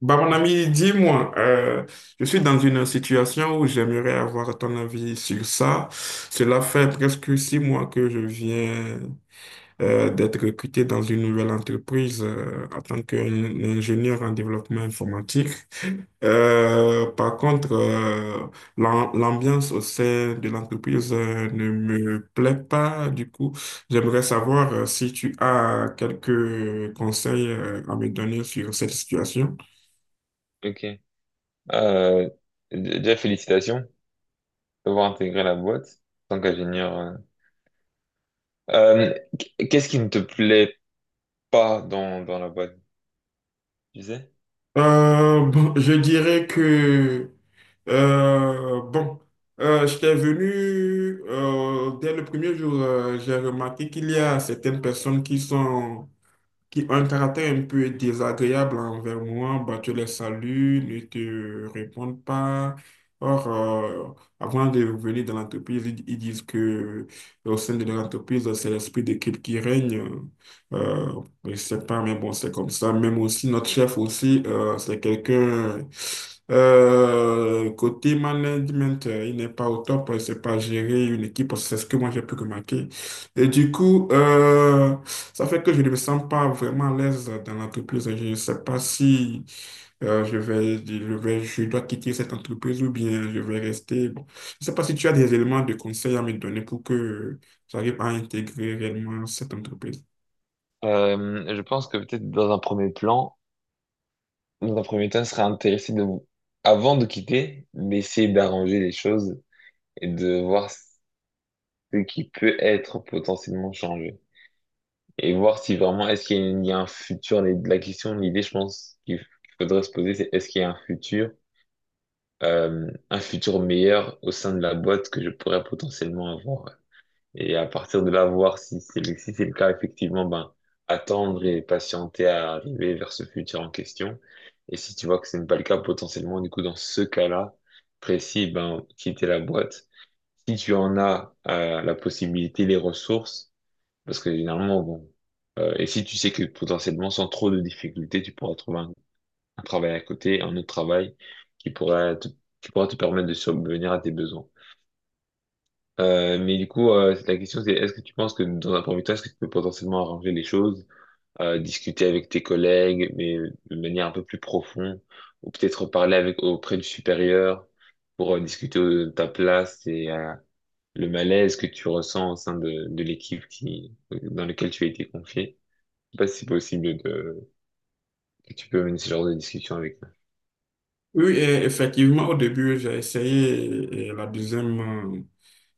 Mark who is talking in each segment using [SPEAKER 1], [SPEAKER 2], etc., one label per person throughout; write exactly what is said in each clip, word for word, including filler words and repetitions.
[SPEAKER 1] Bah, mon ami, dis-moi, euh, je suis dans une situation où j'aimerais avoir ton avis sur ça. Cela fait presque six mois que je viens euh, d'être recruté dans une nouvelle entreprise euh, en tant qu'ingénieur en développement informatique. Euh, par contre, euh, l'am- l'ambiance au sein de l'entreprise euh, ne me plaît pas. Du coup, j'aimerais savoir euh, si tu as quelques conseils euh, à me donner sur cette situation.
[SPEAKER 2] Ok. Euh, d- déjà, félicitations d'avoir intégré la boîte en tant qu'ingénieur. euh. Euh, qu- qu'est-ce qui ne te plaît pas dans, dans la boîte, tu sais?
[SPEAKER 1] Euh, bon, je dirais que, euh, bon, euh, j'étais venu euh, dès le premier jour. Euh, j'ai remarqué qu'il y a certaines personnes qui sont qui ont un caractère un peu désagréable envers moi. Bah, tu les salues, ne te répondent pas. Or, euh, avant de venir dans l'entreprise, ils, ils disent que euh, au sein de l'entreprise, c'est l'esprit d'équipe qui règne. Euh, je sais pas, mais bon, c'est comme ça. Même aussi, notre chef aussi, euh, c'est quelqu'un... euh, côté management, euh, il n'est pas au top, il ne sait pas gérer une équipe, parce que c'est ce que moi j'ai pu remarquer. Et du coup, euh, ça fait que je ne me sens pas vraiment à l'aise dans l'entreprise. Je ne sais pas si euh, je vais, je vais, je dois quitter cette entreprise ou bien je vais rester. Bon, je ne sais pas si tu as des éléments de conseil à me donner pour que j'arrive à intégrer réellement cette entreprise.
[SPEAKER 2] Euh, je pense que peut-être dans un premier plan, dans un premier temps, il serait intéressé de, avant de quitter, d'essayer d'arranger les choses et de voir ce qui peut être potentiellement changé. Et voir si vraiment, est-ce qu'il y a, il y a un futur, les- la question, l'idée, je pense, qu'il f- qu'il faudrait se poser, c'est est-ce qu'il y a un futur? euh, un futur meilleur au sein de la boîte que je pourrais potentiellement avoir. Et à partir de là, voir si c'est le, si c'est le cas, effectivement, ben, attendre et patienter à arriver vers ce futur en question. Et si tu vois que ce n'est pas le cas, potentiellement, du coup, dans ce cas-là précis, ben, quitter la boîte. Si tu en as euh, la possibilité, les ressources, parce que généralement, bon, euh, et si tu sais que potentiellement, sans trop de difficultés, tu pourras trouver un un travail à côté, un autre travail qui pourrait te, qui pourra te permettre de subvenir à tes besoins. Euh, mais du coup, euh, la question c'est, est-ce que tu penses que dans un premier temps, est-ce que tu peux potentiellement arranger les choses, euh, discuter avec tes collègues, mais de manière un peu plus profonde, ou peut-être parler avec auprès du supérieur pour euh, discuter de ta place et euh, le malaise que tu ressens au sein de, de l'équipe qui, dans laquelle tu as été confié? Je sais pas si c'est possible de, que tu peux mener ce genre de discussion avec eux.
[SPEAKER 1] Oui, et effectivement, au début, j'ai essayé et la deuxième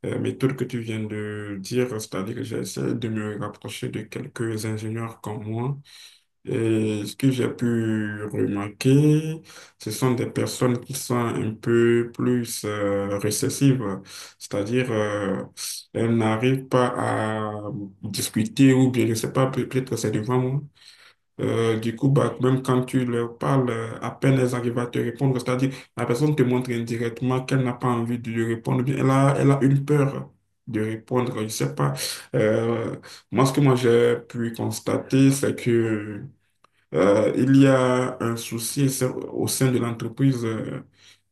[SPEAKER 1] euh, euh, méthode que tu viens de dire, c'est-à-dire que j'ai essayé de me rapprocher de quelques ingénieurs comme moi. Et ce que j'ai pu remarquer, ce sont des personnes qui sont un peu plus euh, récessives, c'est-à-dire euh, elles n'arrivent pas à discuter ou bien je ne sais pas, peut- peut-être que c'est devant moi. Euh, du coup, bah, même quand tu leur parles, euh, à peine elles arrivent à te répondre, c'est-à-dire la personne te montre indirectement qu'elle n'a pas envie de lui répondre, ou bien elle a, elle a une peur de répondre, je ne sais pas. Euh, Moi, ce que moi j'ai pu constater, c'est que euh, il y a un souci c'est- au sein de l'entreprise euh,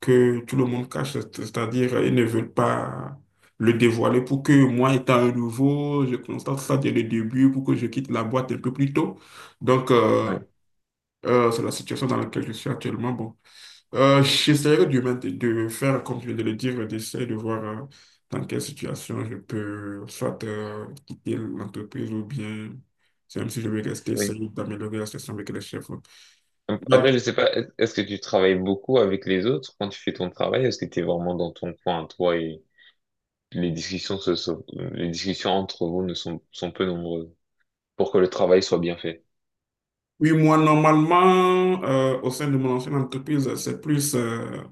[SPEAKER 1] que tout le monde cache, c'est- c'est-à-dire euh, ils ne veulent pas le dévoiler pour que moi, étant un nouveau, je constate ça dès le début pour que je quitte la boîte un peu plus tôt. Donc, euh,
[SPEAKER 2] Ouais,
[SPEAKER 1] euh, c'est la situation dans laquelle je suis actuellement. Bon, euh, j'essaierai de, m'int- de faire, comme je viens de le dire, d'essayer de voir euh, dans quelle situation je peux soit euh, quitter l'entreprise ou bien, même si je veux rester,
[SPEAKER 2] oui.
[SPEAKER 1] essayer d'améliorer la situation avec les chefs. Bah,
[SPEAKER 2] Après, je sais pas, est- est-ce que tu travailles beaucoup avec les autres quand tu fais ton travail? Est-ce que tu es vraiment dans ton coin, toi, et les discussions se sont- les discussions entre vous ne sont, sont peu nombreuses pour que le travail soit bien fait?
[SPEAKER 1] oui, moi, normalement, euh, au sein de mon ancienne entreprise, c'est plus euh,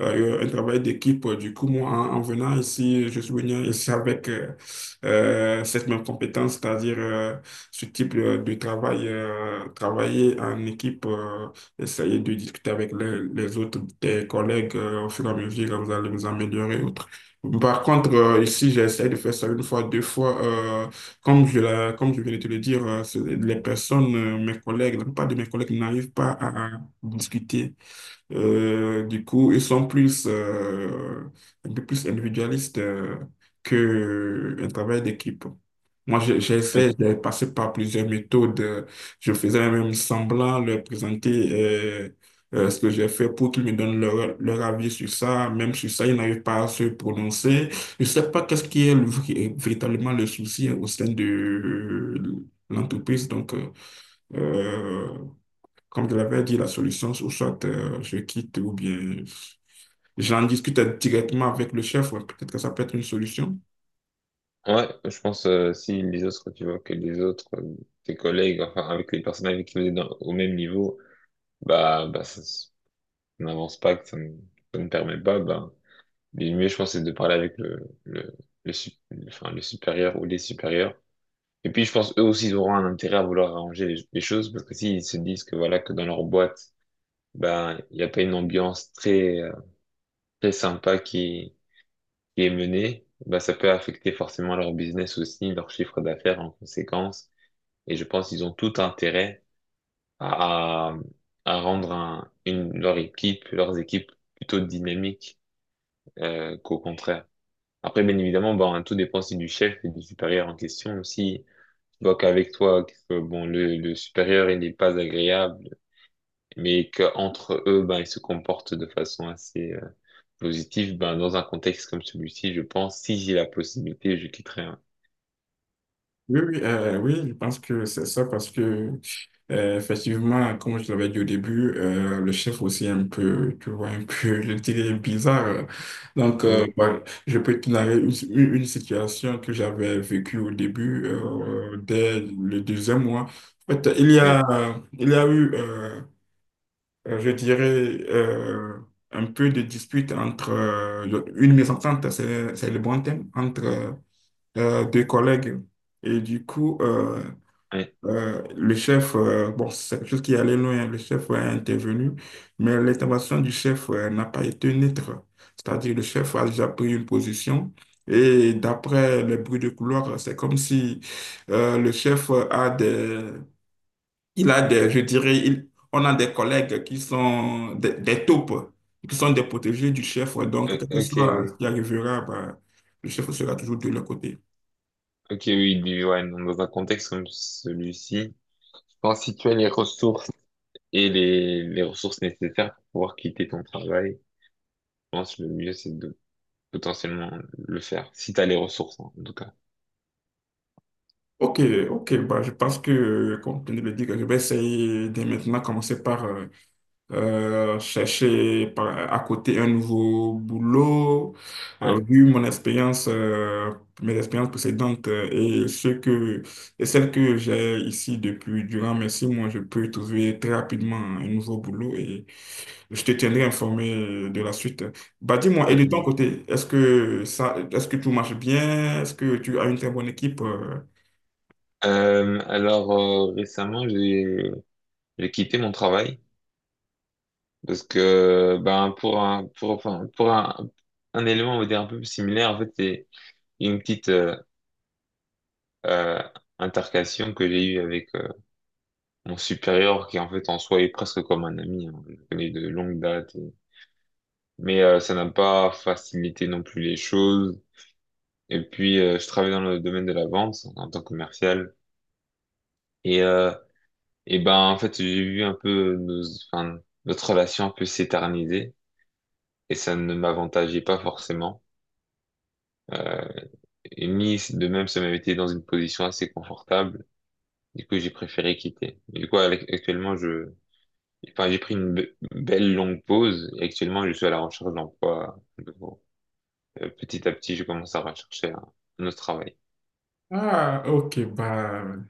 [SPEAKER 1] euh, euh, un travail d'équipe. Du coup, moi, en, en venant ici, je suis venu ici avec euh, euh, cette même compétence, c'est-à-dire euh, ce type euh, de travail, euh, travailler en équipe, euh, essayer de discuter avec les, les autres, tes collègues, euh, au fur et à mesure, vous allez vous améliorer. Autre. Par contre, euh, ici, j'ai essayé de faire ça une fois, deux fois. euh, Comme je, la- comme je viens de te le dire, euh, c'est- les personnes, euh, mes collègues, la plupart de mes collègues n'arrivent pas à à discuter. Euh, du coup, ils sont plus, euh, un peu plus individualistes euh, que un travail d'équipe. Moi, j'ai-
[SPEAKER 2] Ok.
[SPEAKER 1] j'essaie, j'ai passé par plusieurs méthodes. Je faisais même semblant leur présenter euh, euh, ce que j'ai fait pour qu'ils me donnent leur, leur avis sur ça. Même sur ça, ils n'arrivent pas à se prononcer. Je ne sais pas qu'est-ce qui est le vrai- véritablement le souci au sein de l'entreprise. Donc, euh, euh, comme je l'avais dit, la solution, ou soit euh, je quitte ou bien j'en discute directement avec le chef. Ouais, peut-être que ça peut être une solution.
[SPEAKER 2] Ouais, je pense, euh, si les autres, tu vois, que les autres, euh, tes collègues, enfin, avec les personnes avec qui vous êtes dans- au même niveau, bah, bah, ça, s- ça n'avance pas, que ça ne, ça ne permet pas, bah, le mieux, je pense, c'est de parler avec le, le, le, sup- enfin, le supérieur ou les supérieurs. Et puis, je pense eux aussi, ils auront un intérêt à vouloir arranger les, les choses parce que s'ils se disent que voilà, que dans leur boîte, ben, il n'y a pas une ambiance très, euh, très sympa qui, qui est menée, ben, ça peut affecter forcément leur business aussi, leur chiffre d'affaires en conséquence. Et je pense qu'ils ont tout intérêt à, à, à rendre un- une, leur équipe, leurs équipes plutôt dynamiques, euh, qu'au contraire. Après, bien évidemment, ben, tout dépend aussi du chef et du supérieur en question aussi. Donc avec toi, que, bon, le, le supérieur, il n'est pas agréable, mais qu'entre eux, ben, ils se comportent de façon assez euh, positive, ben, dans un contexte comme celui-ci, je pense, si j'ai la possibilité, je quitterai, hein.
[SPEAKER 1] Oui, oui, euh, oui, je pense que c'est ça parce que, euh, effectivement, comme je l'avais dit au début, euh, le chef aussi est un peu, tu vois, un peu, je dirais, bizarre. Donc, euh,
[SPEAKER 2] Oui,
[SPEAKER 1] bah, je peux te narrer une, une- une situation que j'avais vécue au début, euh, dès le deuxième mois. En fait, il y
[SPEAKER 2] oui,
[SPEAKER 1] a, il y a eu, euh, euh, je dirais, euh, un peu de dispute entre, euh, une mésentente, c'est, c'est le bon thème entre euh, deux collègues. Et du coup, euh,
[SPEAKER 2] oui,
[SPEAKER 1] euh, le chef, euh, bon, c'est quelque chose qui allait loin, le chef, ouais, est intervenu, mais l'intervention du chef euh, n'a pas été neutre. C'est-à-dire le chef a déjà pris une position et d'après les bruits de couloir, c'est comme si euh, le chef a des, il a des, je dirais, il- on a des collègues qui sont des, des taupes, qui sont des protégés du chef. Ouais. Donc,
[SPEAKER 2] oui,
[SPEAKER 1] quel que
[SPEAKER 2] ok,
[SPEAKER 1] soit ce
[SPEAKER 2] oui,
[SPEAKER 1] qui arrivera, bah, le chef sera toujours de leur côté.
[SPEAKER 2] ok, oui, du- ouais, non, dans un contexte comme celui-ci, je pense que si tu as les ressources et les, les ressources nécessaires pour pouvoir quitter ton travail, je pense que le mieux, c'est de potentiellement le faire, si tu as les ressources, hein, en tout cas.
[SPEAKER 1] Ok, ok, bah, je pense que, euh, comme tu viens de le dire, je vais essayer de maintenant commencer par euh, euh, chercher par- à côté un nouveau boulot. Euh,
[SPEAKER 2] Ouais,
[SPEAKER 1] vu mon expérience, euh, mes expériences précédentes euh, et ceux que, et celles que j'ai ici depuis durant mes six mois, je peux trouver très rapidement un nouveau boulot et je te tiendrai informé de la suite. Bah, dis-moi, et de ton
[SPEAKER 2] ouais.
[SPEAKER 1] côté, est-ce que ça, est-ce que tout marche bien? Est-ce que tu as une très bonne équipe? euh,
[SPEAKER 2] Euh, alors euh, récemment j'ai j'ai quitté mon travail parce que ben pour un pour enfin pour un un élément on va dire un peu similaire en fait c'est une petite euh, euh, intercation que j'ai eue avec euh, mon supérieur qui en fait en soi est presque comme un ami, hein. Je le connais de longue date et- mais euh, ça n'a pas facilité non plus les choses et puis euh, je travaille dans le domaine de la vente en tant que commercial et euh, Et ben, en fait, j'ai vu un peu nos, enfin, notre relation un peu s'éterniser et ça ne m'avantageait pas forcément. Euh, et ni de même, ça m'avait été dans une position assez confortable. Du coup, j'ai préféré quitter. Et du coup, ac- actuellement, je, enfin, j'ai pris une be- belle longue pause et actuellement, je suis à la recherche d'emploi à nouveau. Euh, petit à petit, je commence à rechercher un, un autre travail.
[SPEAKER 1] Ah, ok, bah,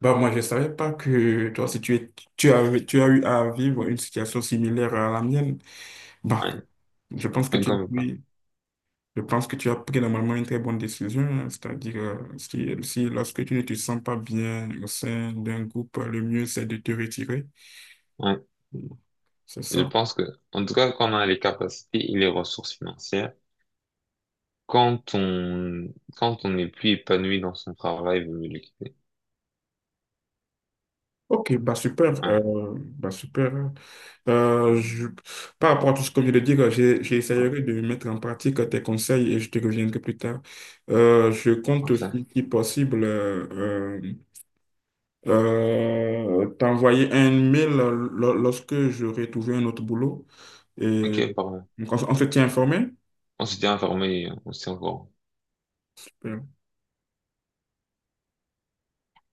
[SPEAKER 1] bah moi je savais pas que toi si tu es, tu as, tu as eu à vivre une situation similaire à la mienne. Bah,
[SPEAKER 2] Ouais.
[SPEAKER 1] je pense que tu as
[SPEAKER 2] Comme quoi.
[SPEAKER 1] pris, je pense que tu as pris normalement une très bonne décision, hein, c'est-à-dire euh, si, si lorsque tu ne te sens pas bien au sein d'un groupe, le mieux c'est de te retirer,
[SPEAKER 2] Ouais.
[SPEAKER 1] c'est
[SPEAKER 2] Je
[SPEAKER 1] ça.
[SPEAKER 2] pense que, en tout cas, quand on a les capacités et les ressources financières, quand on quand on n'est plus épanoui dans son travail, il vaut mieux le quitter.
[SPEAKER 1] Ok, bah super,
[SPEAKER 2] Ouais,
[SPEAKER 1] euh, bah super. Euh, je- Par rapport à tout ce que je viens de dire, j'ai- j'essaierai de mettre en pratique tes conseils et je te reviendrai plus tard. Euh, je compte
[SPEAKER 2] parfait.
[SPEAKER 1] aussi, si possible, euh, euh, euh, t'envoyer un mail lo- lorsque j'aurai trouvé un autre boulot. Et
[SPEAKER 2] Ok, pardon.
[SPEAKER 1] donc, on, s- on se tient informé.
[SPEAKER 2] On s'était informé, on s'est encore.